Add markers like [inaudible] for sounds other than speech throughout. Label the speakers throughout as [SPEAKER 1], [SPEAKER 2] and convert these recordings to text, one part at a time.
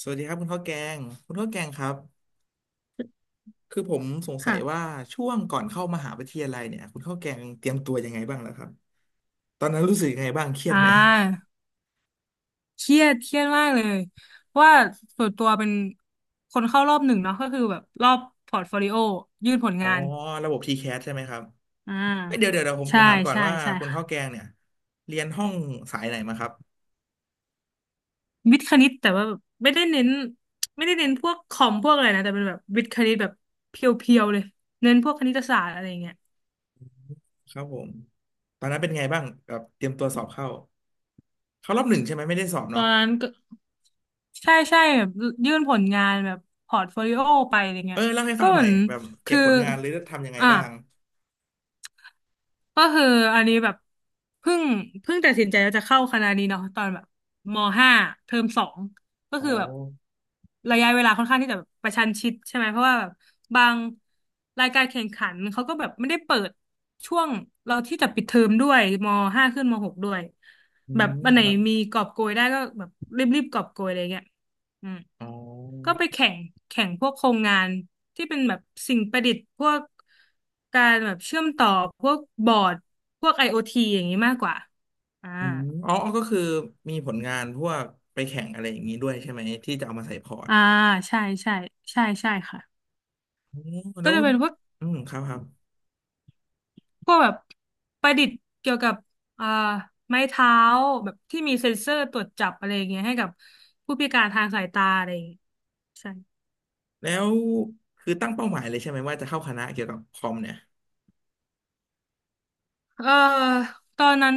[SPEAKER 1] สวัสดีครับคุณข้าวแกงคุณข้าวแกงครับคือผมสงสัยว่า
[SPEAKER 2] ค่ะ
[SPEAKER 1] ช่วงก่อนเข้ามหาวิทยาลัยเนี่ยคุณข้าวแกงเตรียมตัวยังไงบ้างแล้วครับตอนนั้นรู้สึกยังไงบ้างเครีย
[SPEAKER 2] อ่
[SPEAKER 1] ดไหม
[SPEAKER 2] าเครียดเครียดมากเลยว่าส่วนตัวเป็นคนเข้ารอบหนึ่งเนาะก็คือแบบรอบพอร์ตโฟลิโอยื่นผล
[SPEAKER 1] อ๋อ
[SPEAKER 2] งาน
[SPEAKER 1] ระบบทีแค s ใช่ไหมครับ
[SPEAKER 2] อ่า
[SPEAKER 1] เอ้ยเดี๋ยวเดี๋ยวเดี๋ยวผมผ
[SPEAKER 2] ใช่
[SPEAKER 1] มถามก่อน
[SPEAKER 2] ใช่
[SPEAKER 1] ว่า
[SPEAKER 2] ใช่
[SPEAKER 1] คุณข้าว
[SPEAKER 2] ค่ะ
[SPEAKER 1] แกงเนี่ยเรียนห้องสายไหนมาครับ
[SPEAKER 2] วิทย์คณิตแต่ว่าแบบไม่ได้เน้นไม่ได้เน้นพวกคอมพวกอะไรนะแต่เป็นแบบวิทย์คณิตแบบเพียวๆเลยเน้นพวกคณิตศาสตร์อะไรอย่างเงี้ย
[SPEAKER 1] ครับผมตอนนั้นเป็นไงบ้างแบบเตรียมตัวสอบเข้าเข้ารอบหนึ่งใช่ไหมไม่ได้สอบ
[SPEAKER 2] ตอ
[SPEAKER 1] เนาะ
[SPEAKER 2] นนั้นก็ใช่ใช่แบบยื่นผลงานแบบพอร์ตโฟลิโอไปอะไร
[SPEAKER 1] เอ
[SPEAKER 2] เงี้
[SPEAKER 1] อ
[SPEAKER 2] ย
[SPEAKER 1] เล่าให้
[SPEAKER 2] ก็
[SPEAKER 1] ฟัง
[SPEAKER 2] เห
[SPEAKER 1] หน่
[SPEAKER 2] มื
[SPEAKER 1] อ
[SPEAKER 2] อ
[SPEAKER 1] ย
[SPEAKER 2] น
[SPEAKER 1] แบบเก็
[SPEAKER 2] คื
[SPEAKER 1] บ
[SPEAKER 2] อ
[SPEAKER 1] ผลงานหรือทำยังไง
[SPEAKER 2] อ่ะ
[SPEAKER 1] บ้าง
[SPEAKER 2] ก็คืออันนี้แบบเพิ่งเพิ่งตัดสินใจว่าจะเข้าคณะนี้เนาะตอนแบบมห้าเทอมสองก็
[SPEAKER 1] อ๋อ
[SPEAKER 2] คือแบบระยะเวลาค่อนข้างที่จะแบบประชันชิดใช่ไหมเพราะว่าแบบบางรายการแข่งขันเขาก็แบบไม่ได้เปิดช่วงเราที่จะปิดเทอมด้วยมห้าขึ้นมหกด้วย
[SPEAKER 1] อื
[SPEAKER 2] แบบ
[SPEAKER 1] ม
[SPEAKER 2] วันไหน
[SPEAKER 1] ครับ
[SPEAKER 2] มีกอบโกยได้ก็แบบรีบๆกอบโกยอะไรเงี้ย อืม
[SPEAKER 1] อ๋
[SPEAKER 2] ก็
[SPEAKER 1] อ
[SPEAKER 2] ไปแข่งแข่งพวกโครงงานที่เป็นแบบสิ่งประดิษฐ์พวกการแบบเชื่อมต่อพวกบอร์ดพวก IoT อโอทีอย่างนี้มากกว่าอ่า
[SPEAKER 1] อืมอ๋ออ๋อก็คือมีผลงานพวกไปแข่งอะไรอย่างนี้ด้วยใช่ไหมที่จะเอามาใส่พอร์ต
[SPEAKER 2] อ่าใช่ใช่ใช่ใช่ค่ะ
[SPEAKER 1] อ๋อ
[SPEAKER 2] ก็
[SPEAKER 1] แล้ว
[SPEAKER 2] จะเป็นพวก
[SPEAKER 1] อืมครับครับ
[SPEAKER 2] พวกแบบประดิษฐ์เกี่ยวกับอ่าไม้เท้าแบบที่มีเซ็นเซอร์ตรวจจับอะไรอย่างเงี้ยให้กับผู้พิการทางสายตาอะไรอย่างเงี้ยใช่
[SPEAKER 1] แล้วคือตั้งเป้าหมายเลยใช่ไหมว่าจะเข้าคณะเกี่ยวกับคอมเนี่ย
[SPEAKER 2] เอ่อตอนนั้น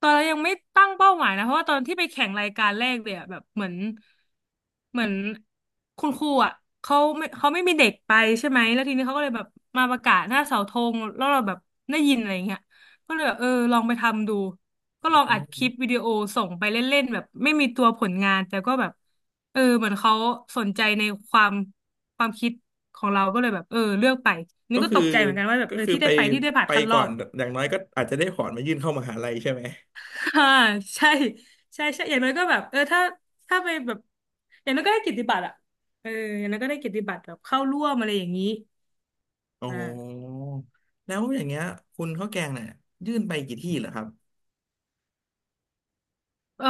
[SPEAKER 2] ตอนเรายังไม่ตั้งเป้าหมายนะเพราะว่าตอนที่ไปแข่งรายการแรกเนี่ยแบบเหมือนเหมือนคุณครูอ่ะเขาไม่เขาไม่มีเด็กไปใช่ไหมแล้วทีนี้เขาก็เลยแบบมาประกาศหน้าเสาธงแล้วเราแบบได้ยินอะไรอย่างเงี้ยก็เลยแบบเออลองไปทำดูก็ลองอัดคลิปวิดีโอส่งไปเล่นๆแบบไม่มีตัวผลงานแต่ก็แบบเออเหมือนเขาสนใจในความความคิดของเราก็เลยแบบเออเลือกไปนี่
[SPEAKER 1] ก็
[SPEAKER 2] ก็
[SPEAKER 1] คือ
[SPEAKER 2] ตกใจเหมือนกันว่าแบบ
[SPEAKER 1] ก็
[SPEAKER 2] เออ
[SPEAKER 1] คือ
[SPEAKER 2] ที่
[SPEAKER 1] ไป
[SPEAKER 2] ได้ไปที่ได้ผ่าน
[SPEAKER 1] ไป
[SPEAKER 2] คัดร
[SPEAKER 1] ก่
[SPEAKER 2] อ
[SPEAKER 1] อน
[SPEAKER 2] บ
[SPEAKER 1] อย่างน้อยก็อาจจะได้พอร์ตมายื่นเข้ามหาลัยใช่ไหม
[SPEAKER 2] อ่าใช่ใช่ใช่อย่างน้อยก็แบบเออถ้าถ้าไปแบบอย่างน้อยก็ได้เกิตติบัตรอะเอออย่างน้อยก็ได้เกิตติบัตรแบบเข้าร่วมอะไรอย่างนี้
[SPEAKER 1] อ๋
[SPEAKER 2] อ่า
[SPEAKER 1] อแล้วอย่างเงี้ยคุณข้าวแกงเนี่ยยื่นไปกี่ที่เหรอครับ
[SPEAKER 2] เอ่อ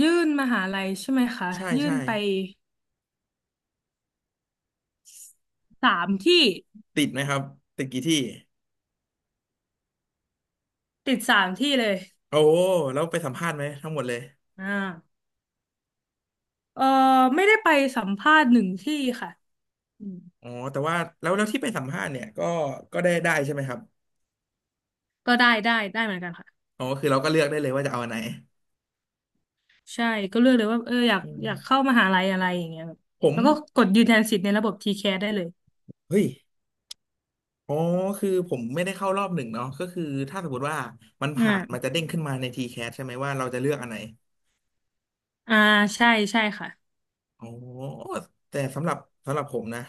[SPEAKER 2] ยื่นมหาลัยใช่ไหมคะ
[SPEAKER 1] ใช่
[SPEAKER 2] ยื่
[SPEAKER 1] ใช่
[SPEAKER 2] นไปสามที่
[SPEAKER 1] ติดไหมครับติดกี่ที่
[SPEAKER 2] ติดสามที่เลย
[SPEAKER 1] โอ้แล้วไปสัมภาษณ์ไหมทั้งหมดเลย
[SPEAKER 2] อ่าเอ่อไม่ได้ไปสัมภาษณ์หนึ่งที่ค่ะอืม
[SPEAKER 1] อ๋อแต่ว่าแล้วแล้วที่ไปสัมภาษณ์เนี่ยก็ก็ได้ได้ใช่ไหมครับ
[SPEAKER 2] ก็ได้ได้ได้เหมือนกันค่ะ
[SPEAKER 1] อ๋อคือเราก็เลือกได้เลยว่าจะเอาอันไหน
[SPEAKER 2] ใช่ก็เลือกเลยว่าเอออยาก
[SPEAKER 1] อืม
[SPEAKER 2] อยากเข้ามหาลัยอะไรอย่างเงี้ยแบบ
[SPEAKER 1] ผม
[SPEAKER 2] แล้วก็กดยืนยันสิทธิ์ในระบบ t แค s ได้เลย
[SPEAKER 1] เฮ้ยอ๋อคือผมไม่ได้เข้ารอบหนึ่งเนาะก็คือถ้าสมมติว่ามัน
[SPEAKER 2] อ่า
[SPEAKER 1] ผ่านมันจะเด้งขึ้นมาในทีแ a s ใช่ไหมว่าเราจะเลือกอันไหน
[SPEAKER 2] อ่าใช่ใช่ค่ะ
[SPEAKER 1] อ๋อแต่สำหรับสำหรับผมนะ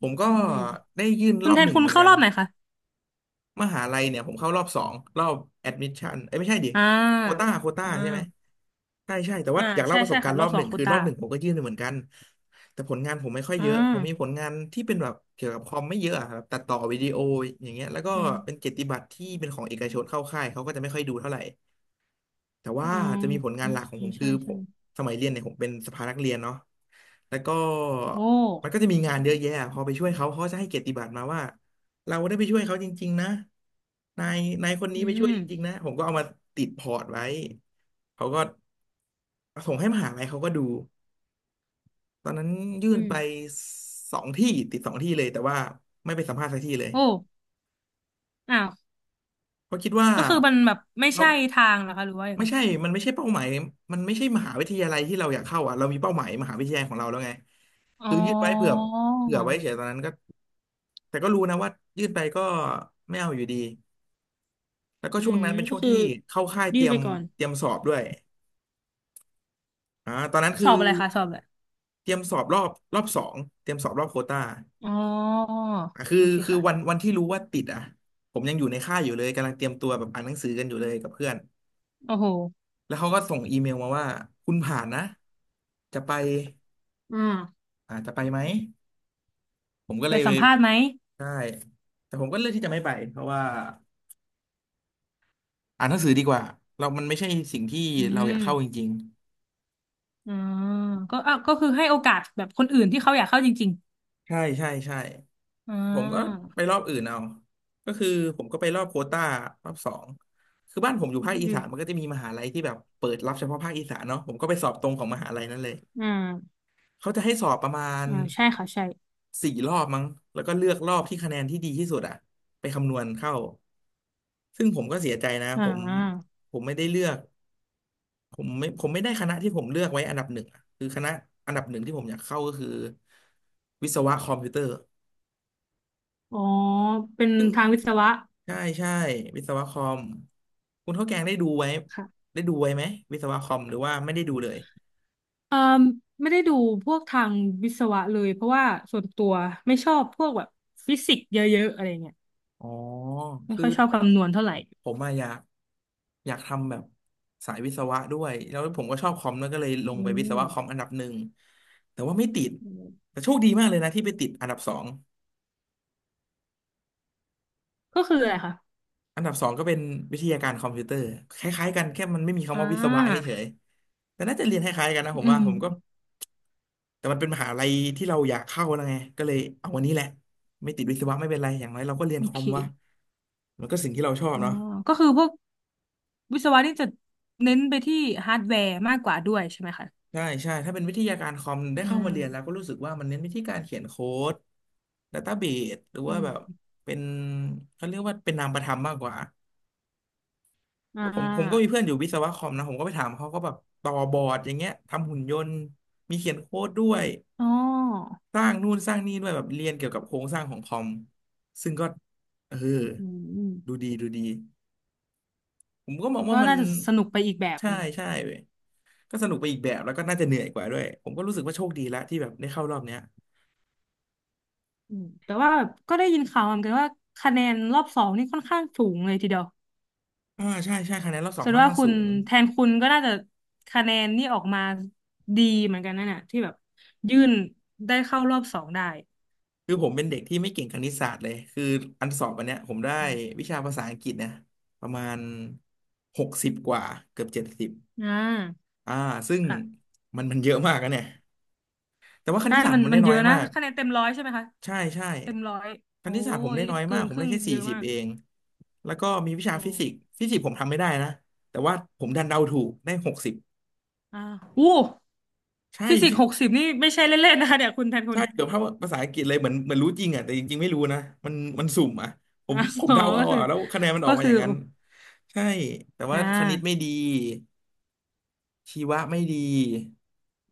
[SPEAKER 1] ผมก็
[SPEAKER 2] อืม
[SPEAKER 1] ได้ยื่น
[SPEAKER 2] คุ
[SPEAKER 1] ร
[SPEAKER 2] ณ
[SPEAKER 1] อ
[SPEAKER 2] แท
[SPEAKER 1] บห
[SPEAKER 2] น
[SPEAKER 1] นึ่ง
[SPEAKER 2] คุณ
[SPEAKER 1] เหมือน
[SPEAKER 2] เข้า
[SPEAKER 1] กั
[SPEAKER 2] ร
[SPEAKER 1] น
[SPEAKER 2] อบไหนคะ
[SPEAKER 1] มหาลัยเนี่ยผมเข้ารอบสองรอบแอดมิชชั่นเอ้ยไม่ใช่ดิ
[SPEAKER 2] อ่
[SPEAKER 1] โควต้า
[SPEAKER 2] า
[SPEAKER 1] โคว
[SPEAKER 2] อ
[SPEAKER 1] ต้าใช่ไหม
[SPEAKER 2] ่า
[SPEAKER 1] ใช่ใช่แต่ว่า
[SPEAKER 2] อ่า
[SPEAKER 1] อยากเล่า
[SPEAKER 2] ใช่
[SPEAKER 1] ประส
[SPEAKER 2] ใช่
[SPEAKER 1] บการ
[SPEAKER 2] ค่ะ
[SPEAKER 1] ณ์
[SPEAKER 2] ร
[SPEAKER 1] ร
[SPEAKER 2] อ
[SPEAKER 1] อ
[SPEAKER 2] บ
[SPEAKER 1] บ
[SPEAKER 2] ส
[SPEAKER 1] ห
[SPEAKER 2] อ
[SPEAKER 1] นึ่
[SPEAKER 2] ง
[SPEAKER 1] ง
[SPEAKER 2] โคว
[SPEAKER 1] คือร
[SPEAKER 2] ต้า
[SPEAKER 1] อบหนึ่งผมก็ยื่นไปเหมือนกันแต่ผลงานผมไม่ค่อยเย
[SPEAKER 2] อ่า
[SPEAKER 1] อะผมมีผลงานที่เป็นแบบเกี่ยวกับคอมไม่เยอะอะครับตัดต่อวิดีโออย่างเงี้ยแล้วก็
[SPEAKER 2] อืม
[SPEAKER 1] เป็นเกียรติบัตรที่เป็นของเอกชนเข้าค่ายเขาก็จะไม่ค่อยดูเท่าไหร่ แต่
[SPEAKER 2] อื
[SPEAKER 1] ว่า
[SPEAKER 2] ม
[SPEAKER 1] จะมีผลงา
[SPEAKER 2] อื
[SPEAKER 1] นหลักของผ
[SPEAKER 2] ม
[SPEAKER 1] มคื
[SPEAKER 2] ใช่
[SPEAKER 1] อผ
[SPEAKER 2] ใช่
[SPEAKER 1] มสมัยเรียนเนี่ยผมเป็นสภานักเรียนเนาะแล้วก็
[SPEAKER 2] โอ้
[SPEAKER 1] มันก็จะมีงานเยอะแยะพอไปช่วยเขาเขาจะให้เกียรติบัตรมาว่าเราได้ไปช่วยเขาจริงๆนะนายนายคนนี้
[SPEAKER 2] อื
[SPEAKER 1] ไปช่วย
[SPEAKER 2] ม
[SPEAKER 1] จริงๆนะผมก็เอามาติดพอร์ตไว้เขาก็ส่งให้มหาลัยเขาก็ดูตอนนั้นยื่
[SPEAKER 2] อื
[SPEAKER 1] น
[SPEAKER 2] ม
[SPEAKER 1] ไปสองที่ติดสองที่เลยแต่ว่าไม่ไปสัมภาษณ์สักที่เลย
[SPEAKER 2] โอ้อ้าว
[SPEAKER 1] เพราะคิดว่า
[SPEAKER 2] ก็คือมันแบบไม่ใช่ทางเหรอคะหรือว่ายัง
[SPEAKER 1] ไม่
[SPEAKER 2] ไง
[SPEAKER 1] ใช่มันไม่ใช่เป้าหมายมันไม่ใช่มหาวิทยาลัยที่เราอยากเข้าอ่ะเรามีเป้าหมายมหาวิทยาลัยของเราแล้วไง
[SPEAKER 2] อ๋อ
[SPEAKER 1] คือยื่นไว้เผื่อเผื่อไว้เฉยตอนนั้นก็แต่ก็รู้นะว่ายื่นไปก็ไม่เอาอยู่ดีแล้วก็
[SPEAKER 2] อื
[SPEAKER 1] ช่วง
[SPEAKER 2] ม
[SPEAKER 1] นั้นเป็นช่
[SPEAKER 2] ก็
[SPEAKER 1] วง
[SPEAKER 2] คือ
[SPEAKER 1] ที่เข้าค่าย
[SPEAKER 2] ยื
[SPEAKER 1] เตรี
[SPEAKER 2] ด
[SPEAKER 1] ย
[SPEAKER 2] ไป
[SPEAKER 1] ม
[SPEAKER 2] ก่อน
[SPEAKER 1] เตรียมสอบด้วยอ่าตอนนั้น
[SPEAKER 2] ส
[SPEAKER 1] คือ
[SPEAKER 2] อบอะไรคะสอบอะไร
[SPEAKER 1] เตรียมสอบรอบสองเตรียมสอบรอบโควต้า
[SPEAKER 2] อ๋อ
[SPEAKER 1] อ่ะคือ
[SPEAKER 2] โอเค
[SPEAKER 1] คือ
[SPEAKER 2] ค่ะ
[SPEAKER 1] วันที่รู้ว่าติดอ่ะผมยังอยู่ในค่ายอยู่เลยกำลังเตรียมตัวแบบอ่านหนังสือกันอยู่เลยกับเพื่อน
[SPEAKER 2] โอ้โห
[SPEAKER 1] แล้วเขาก็ส่งอีเมลมาว่าคุณผ่านนะจะไป
[SPEAKER 2] อ่า
[SPEAKER 1] อ่าจะไปไหมผมก็เล
[SPEAKER 2] ไป
[SPEAKER 1] ย
[SPEAKER 2] สั
[SPEAKER 1] ไป่
[SPEAKER 2] มภาษณ์ไหม
[SPEAKER 1] ด้แต่ผมก็เลือกที่จะไม่ไปเพราะว่าอ่านหนังสือดีกว่าเรามันไม่ใช่สิ่งที่
[SPEAKER 2] อื
[SPEAKER 1] เราอ
[SPEAKER 2] ม
[SPEAKER 1] ยากเข้าจริง
[SPEAKER 2] อ๋อก็อ่ะก็คือให้โอกาสแบบคนอื่นที่เขาอยากเข้าจริง
[SPEAKER 1] ๆใช่ใช่ใช่
[SPEAKER 2] อ่
[SPEAKER 1] ผมก็
[SPEAKER 2] า
[SPEAKER 1] ไปรอบอื่นเอาก็คือผมก็ไปรอบโควต้ารอบสองคือบ้านผมอยู่ภาค
[SPEAKER 2] อื
[SPEAKER 1] อีสา
[SPEAKER 2] ม
[SPEAKER 1] นมันก็จะมีมหาลัยที่แบบเปิดรับเฉพาะภาคอีสานเนาะผมก็ไปสอบตรงของมหาลัยนั้นเลย
[SPEAKER 2] อ่า
[SPEAKER 1] เขาจะให้สอบประมาณ
[SPEAKER 2] อ่าใช่ค่ะใช่
[SPEAKER 1] สี่รอบมั้งแล้วก็เลือกรอบที่คะแนนที่ดีที่สุดอะไปคำนวณเข้าซึ่งผมก็เสียใจนะ
[SPEAKER 2] อ่
[SPEAKER 1] ผม
[SPEAKER 2] า
[SPEAKER 1] ผมไม่ได้เลือก ผมไม่ได้คณะที่ผมเลือกไว้อันดับหนึ่งอะคือคณะอันดับหนึ่งที่ผมอยากเข้าก็คือวิศวะคอมพิวเตอร์
[SPEAKER 2] อ๋อ เป็น
[SPEAKER 1] ซึ่ง
[SPEAKER 2] ทางวิศวะ
[SPEAKER 1] ใช่ใช่วิศวะคอมคุณข้าวแกง
[SPEAKER 2] ค่ะ
[SPEAKER 1] ได้ดูไว้ไหมวิศวะคอมหรือว่าไม่ได้ดูเลย
[SPEAKER 2] เอ่อไม่ได้ดูพวกทางวิศวะเลยเพราะว่าส่วนตัวไม่ชอบพวกแบบฟิสิกส์เยอะๆอะไรเงี้ย
[SPEAKER 1] อ๋อ
[SPEAKER 2] ไม่
[SPEAKER 1] คือ
[SPEAKER 2] ค่อยชอบคำนวณเท่าไหร่
[SPEAKER 1] ผมอะอยากทำแบบสายวิศวะด้วยแล้วผมก็ชอบคอมแล้วยก็เลยลง
[SPEAKER 2] อื
[SPEAKER 1] ไปวิศ
[SPEAKER 2] ม
[SPEAKER 1] วะคอมอันดับหนึ่งแต่ว่าไม่ติด
[SPEAKER 2] อืม
[SPEAKER 1] แต่โชคดีมากเลยนะที่ไปติดอันดับสอง
[SPEAKER 2] ก็คืออะไรคะ
[SPEAKER 1] อันดับสองก็เป็นวิทยาการคอมพิวเตอร์คล้ายๆกันแค่มันไม่มี
[SPEAKER 2] อ่
[SPEAKER 1] คำว่าวิศวะ
[SPEAKER 2] า
[SPEAKER 1] เฉยๆแต่น่าจะเรียนคล้ายๆกันนะผม
[SPEAKER 2] อื
[SPEAKER 1] ว่า
[SPEAKER 2] ม
[SPEAKER 1] ผมก็แต่มันเป็นมหาลัยที่เราอยากเข้าแล้วไงก็เลยเอาวันนี้แหละไม่ติดวิศวะไม่เป็นไรอย่างไรเราก็เรียน
[SPEAKER 2] โอ
[SPEAKER 1] คอ
[SPEAKER 2] เค
[SPEAKER 1] มวะมันก็สิ่งที่เราชอบ
[SPEAKER 2] อ๋อ
[SPEAKER 1] เนาะ
[SPEAKER 2] ก็คือพวกวิศวะนี่จะเน้นไปที่ฮาร์ดแวร์มากกว่าด้วยใช่ไหมคะ
[SPEAKER 1] ใช่ใช่ถ้าเป็นวิทยาการคอมได้
[SPEAKER 2] อื
[SPEAKER 1] เข้ามาเรียนแล้ว
[SPEAKER 2] ม
[SPEAKER 1] ก็รู้สึกว่ามันเน้นวิธีการเขียนโค้ดดัตต้าเบสหรือว่า
[SPEAKER 2] อืม
[SPEAKER 1] แบบเป็นเขาเรียกว่าเป็นนามประธรรมมากกว่า
[SPEAKER 2] อ่
[SPEAKER 1] แล้วผมก็มี
[SPEAKER 2] า
[SPEAKER 1] เพื่อนอยู่วิศวะคอมนะผมก็ไปถามเขาก็แบบต่อบอร์ดอย่างเงี้ยทำหุ่นยนต์มีเขียนโค้ดด้วย
[SPEAKER 2] อ๋อ
[SPEAKER 1] สร้างนู่นสร้างนี่ด้วยแบบเรียนเกี่ยวกับโครงสร้างของคอมซึ่งก็เออ
[SPEAKER 2] อืม
[SPEAKER 1] ดูดีดูดีผมก็มองว่า
[SPEAKER 2] ก็
[SPEAKER 1] มัน
[SPEAKER 2] น่าจะสนุกไปอีกแบบ
[SPEAKER 1] ใช่
[SPEAKER 2] หนึ่ง
[SPEAKER 1] ใช่เว้ยก็สนุกไปอีกแบบแล้วก็น่าจะเหนื่อยกว่าด้วยผมก็รู้สึกว่าโชคดีแล้วที่แบบได้เข้ารอบเนี้ย
[SPEAKER 2] อืมแต่ว่าแบบก็ได้ยินข่าวมาเหมือนกันว่าคะแนนรอบสองนี่ค่อนข้างสูงเลยทีเดียว
[SPEAKER 1] อ่าใช่ใช่คะแนนรอบสอ
[SPEAKER 2] แส
[SPEAKER 1] ง
[SPEAKER 2] ด
[SPEAKER 1] ค่อ
[SPEAKER 2] ง
[SPEAKER 1] น
[SPEAKER 2] ว่า
[SPEAKER 1] ข้าง
[SPEAKER 2] คุ
[SPEAKER 1] สู
[SPEAKER 2] ณ
[SPEAKER 1] ง
[SPEAKER 2] แทนคุณก็น่าจะคะแนนนี่ออกมาดีเหมือนกันนั่นน่ะที่แบบยื่นได้เข้ารอบสองได้
[SPEAKER 1] คือผมเป็นเด็กที่ไม่เก่งคณิตศาสตร์เลยคืออันสอบอันเนี้ยผมได้
[SPEAKER 2] อืม
[SPEAKER 1] วิชาภาษาอังกฤษเนี่ยประมาณหกสิบกว่าเกือบ70
[SPEAKER 2] อ่า
[SPEAKER 1] อ่าซึ่ง
[SPEAKER 2] ค่ะ
[SPEAKER 1] มันเยอะมากนะเนี่ย แต่ว่าค
[SPEAKER 2] ใช่
[SPEAKER 1] ณิตศาสตร์
[SPEAKER 2] มั
[SPEAKER 1] ผ
[SPEAKER 2] น
[SPEAKER 1] ม
[SPEAKER 2] มั
[SPEAKER 1] ได้
[SPEAKER 2] น
[SPEAKER 1] น้
[SPEAKER 2] เย
[SPEAKER 1] อย
[SPEAKER 2] อะนะ
[SPEAKER 1] มาก
[SPEAKER 2] คะแนนเต็มร้อยใช่ไหมคะ
[SPEAKER 1] ใช่ใช่
[SPEAKER 2] เต็มร้อย
[SPEAKER 1] ค
[SPEAKER 2] โอ้
[SPEAKER 1] ณิตศาสตร์ผม
[SPEAKER 2] ย
[SPEAKER 1] ได้น้อย
[SPEAKER 2] เกิ
[SPEAKER 1] มาก
[SPEAKER 2] น
[SPEAKER 1] ผ
[SPEAKER 2] ค
[SPEAKER 1] ม
[SPEAKER 2] รึ่
[SPEAKER 1] ได้
[SPEAKER 2] ง
[SPEAKER 1] แค่
[SPEAKER 2] เย
[SPEAKER 1] สี่
[SPEAKER 2] อะ
[SPEAKER 1] สิบ
[SPEAKER 2] มาก
[SPEAKER 1] เองแล้วก็มีวิชา
[SPEAKER 2] โอ้
[SPEAKER 1] ฟิสิกส์ฟิสิกส์ผมทำไม่ได้นะแต่ว่าผมดันเดาถูกได้หกสิบ
[SPEAKER 2] อ่าอู้
[SPEAKER 1] ใช่
[SPEAKER 2] ฟิสิกส์หกสิบนี่ไม่ใช่เล่นๆนะคะเนี่ยคุณแทนคุ
[SPEAKER 1] ใช่
[SPEAKER 2] ณ
[SPEAKER 1] เกือบเท่าภาษาอังกฤษเลยเหมือนเหมือนรู้จริงอ่ะแต่จริงๆไม่รู้นะมันมันสุ่มอ่ะผมผ
[SPEAKER 2] [laughs]
[SPEAKER 1] ม
[SPEAKER 2] อ๋อ
[SPEAKER 1] เดาเอา
[SPEAKER 2] ก็คื
[SPEAKER 1] อ่ะ
[SPEAKER 2] อ
[SPEAKER 1] แล้วคะแนนมันอ
[SPEAKER 2] ก็
[SPEAKER 1] อกมาอ
[SPEAKER 2] คือ
[SPEAKER 1] ย่างนั้
[SPEAKER 2] โอ้
[SPEAKER 1] นใช่แต่ว่า
[SPEAKER 2] อ่
[SPEAKER 1] คณิตไม่
[SPEAKER 2] า
[SPEAKER 1] ดีชีวะไม่ดี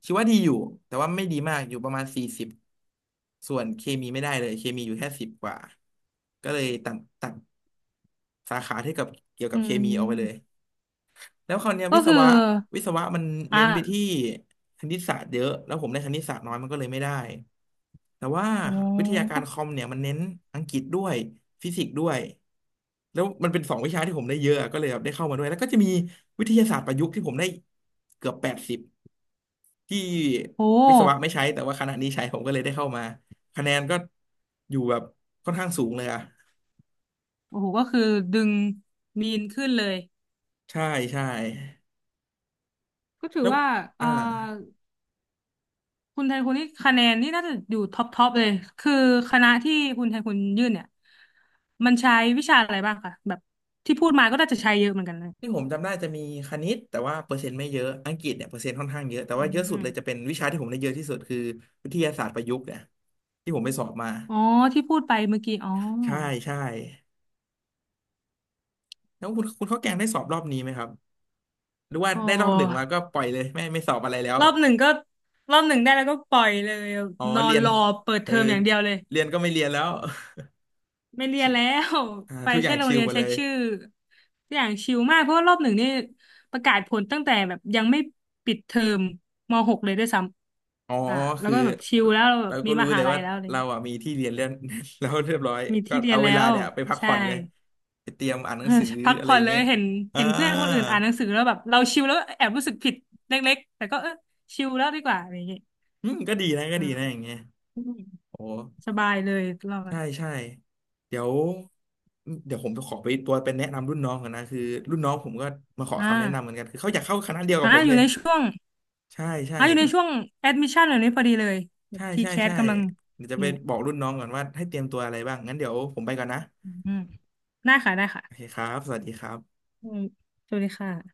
[SPEAKER 1] ชีวะดีอยู่แต่ว่าไม่ดีมากอยู่ประมาณสี่สิบส่วนเคมีไม่ได้เลยเคมีอยู่แค่สิบกว่าก็เลยตัดสาขาที่กับเกี่ยวกั
[SPEAKER 2] อื
[SPEAKER 1] บเคมีออกไปเลย
[SPEAKER 2] ม
[SPEAKER 1] แล้วคราวเนี้ย
[SPEAKER 2] ก็
[SPEAKER 1] วิศ
[SPEAKER 2] คือ
[SPEAKER 1] วะวิศวะมัน
[SPEAKER 2] อ
[SPEAKER 1] เน้นไปที่
[SPEAKER 2] ่า
[SPEAKER 1] คณิตศาสตร์เยอะแล้วผมได้คณิตศาสตร์น้อยมันก็เลยไม่ได้ แต่ว่า
[SPEAKER 2] โอ้
[SPEAKER 1] วิทยากา
[SPEAKER 2] ก็
[SPEAKER 1] รคอมเนี่ยมันเน้นอังกฤษด้วยฟิสิกส์ด้วยแล้วมันเป็นสองวิชาที่ผมได้เยอะอะก็เลยแบบได้เข้ามาด้วยแล้วก็จะมีวิทยาศาสตร์ประยุกต์ที่ผมได้เกือบ80ที่
[SPEAKER 2] โ
[SPEAKER 1] วิศวะ
[SPEAKER 2] ห
[SPEAKER 1] ไม่ใช้แต่ว่าคณะนี้ใช้ผมก็เลยได้เข้ามาคะแนนก็อยู่แบบค่อนข้างสูงเลยอะ
[SPEAKER 2] โอ้โหก็คือดึงมีนขึ้นเลย
[SPEAKER 1] ใช่ใช่
[SPEAKER 2] ก็ถือ
[SPEAKER 1] แล้ว
[SPEAKER 2] ว่า
[SPEAKER 1] อ่า
[SPEAKER 2] อ่าคุณไทคุณนี่คะแนนนี่น่าจะอยู่ท็อปท็อปเลยคือคณะที่คุณไทคุณยื่นเนี่ยมันใช้วิชาอะไรบ้างคะแบบที่พูดมาก็น่าจะใช้เยอะเหมือนกันนะ
[SPEAKER 1] ที่ผมจำได้จะมีคณิตแต่ว่าเปอร์เซ็นต์ไม่เยอะอังกฤษเนี่ยเปอร์เซ็นต์ค่อนข้างเยอะแต่ว่า
[SPEAKER 2] อื
[SPEAKER 1] เยอะสุดเล
[SPEAKER 2] ม
[SPEAKER 1] ยจะเป็นวิชาที่ผมได้เยอะที่สุดคือวิทยาศาสตร์ประยุกต์เนี่ยที่ผมไปสอบมา
[SPEAKER 2] อ๋อที่พูดไปเมื่อกี้อ๋อ
[SPEAKER 1] ใช่ใช่แล้วคุณข้าวแกงได้สอบรอบนี้ไหมครับหรือว่า
[SPEAKER 2] โอ
[SPEAKER 1] ได้รอบหนึ่งมา
[SPEAKER 2] ้
[SPEAKER 1] ก็ปล่อยเลยไม่สอบอะไรแล้ว
[SPEAKER 2] รอบหนึ่งก็รอบหนึ่งได้แล้วก็ปล่อยเลย
[SPEAKER 1] อ๋อ
[SPEAKER 2] นอ
[SPEAKER 1] เรี
[SPEAKER 2] น
[SPEAKER 1] ยน
[SPEAKER 2] รอเปิด
[SPEAKER 1] เอ
[SPEAKER 2] เท
[SPEAKER 1] อ
[SPEAKER 2] อมอย่างเดียวเลย
[SPEAKER 1] เรียนก็ไม่เรียนแล้ว
[SPEAKER 2] ไม่เรี
[SPEAKER 1] [laughs]
[SPEAKER 2] ย
[SPEAKER 1] ชิ
[SPEAKER 2] นแล้ว
[SPEAKER 1] อ่า
[SPEAKER 2] ไป
[SPEAKER 1] ทุกอ
[SPEAKER 2] แค่
[SPEAKER 1] ย่าง
[SPEAKER 2] โรง
[SPEAKER 1] ชิล
[SPEAKER 2] เรียน
[SPEAKER 1] มา
[SPEAKER 2] เช็
[SPEAKER 1] เล
[SPEAKER 2] ค
[SPEAKER 1] ย
[SPEAKER 2] ชื่ออย่างชิลมากเพราะว่ารอบหนึ่งนี่ประกาศผลตั้งแต่แบบยังไม่ปิดเทอมม .6 เลยด้วยซ้
[SPEAKER 1] อ๋อ
[SPEAKER 2] ำแล้ว
[SPEAKER 1] คือ
[SPEAKER 2] ก็แบบชิลแล้วเราแบบ
[SPEAKER 1] เรา
[SPEAKER 2] มี
[SPEAKER 1] ก็
[SPEAKER 2] ม
[SPEAKER 1] รู้
[SPEAKER 2] หา
[SPEAKER 1] เลย
[SPEAKER 2] ลัย
[SPEAKER 1] ว่า
[SPEAKER 2] แล้วะเลย
[SPEAKER 1] เราอ่ะมีที่เรียนเรียน [laughs] แล้วเรียบร้อย
[SPEAKER 2] มี
[SPEAKER 1] ก็
[SPEAKER 2] ที่เรีย
[SPEAKER 1] เอา
[SPEAKER 2] น
[SPEAKER 1] เว
[SPEAKER 2] แล้
[SPEAKER 1] ลา
[SPEAKER 2] ว
[SPEAKER 1] เนี่ยไปพัก
[SPEAKER 2] ใช่
[SPEAKER 1] ผ่อนเลยไปเตรียมอ่านห
[SPEAKER 2] เอ
[SPEAKER 1] นั
[SPEAKER 2] อ
[SPEAKER 1] งสือ
[SPEAKER 2] พัก
[SPEAKER 1] อะไร
[SPEAKER 2] ผ่อ
[SPEAKER 1] อ
[SPEAKER 2] น
[SPEAKER 1] ย่าง
[SPEAKER 2] เลย
[SPEAKER 1] เงี้ย
[SPEAKER 2] เห็น
[SPEAKER 1] อ่า
[SPEAKER 2] เห็นเพื่อนคนอื่นอ่านหนังสือแล้วแบบเราชิลแล้วแอบรู้สึกผิดเล็กๆแต่ก็เออชิลแล้วดีกว่าอะไรอย่างเงี้ย
[SPEAKER 1] อืมก็ดีนะก็
[SPEAKER 2] อื
[SPEAKER 1] ดีนะอ
[SPEAKER 2] ม
[SPEAKER 1] ย่างเงี้ยโอ้
[SPEAKER 2] สบายเลยรอบ
[SPEAKER 1] ใช่ใช่เดี๋ยวเดี๋ยวผมจะขอไปตัวเป็นแนะนำรุ่นน้องกันนะคือรุ่นน้องผมก็มาขอ
[SPEAKER 2] อ่า
[SPEAKER 1] คำแนะนำเหมือนกันคือเขาอยากเข้าคณะเดียวกั
[SPEAKER 2] อ่า
[SPEAKER 1] บผม
[SPEAKER 2] อ
[SPEAKER 1] เล
[SPEAKER 2] ยู่
[SPEAKER 1] ย
[SPEAKER 2] ในช่วง
[SPEAKER 1] ใช่ใช่
[SPEAKER 2] อยู่ในช่วงแอดมิชชั่นแบบนี้พอดีเลยแบบ
[SPEAKER 1] ใช่
[SPEAKER 2] ที
[SPEAKER 1] ใช่
[SPEAKER 2] แคส
[SPEAKER 1] ใช่
[SPEAKER 2] กำลัง
[SPEAKER 1] เดี๋ยวจะไป
[SPEAKER 2] นี่แหละ
[SPEAKER 1] บอกรุ่นน้องก่อนว่าให้เตรียมตัวอะไรบ้างงั้นเดี๋ยวผมไปก่อนนะ
[SPEAKER 2] อืมได้ค่ะได้ค่ะ
[SPEAKER 1] โอเคครับสวัสดีครับ
[SPEAKER 2] อืมสวัสดีค่ะ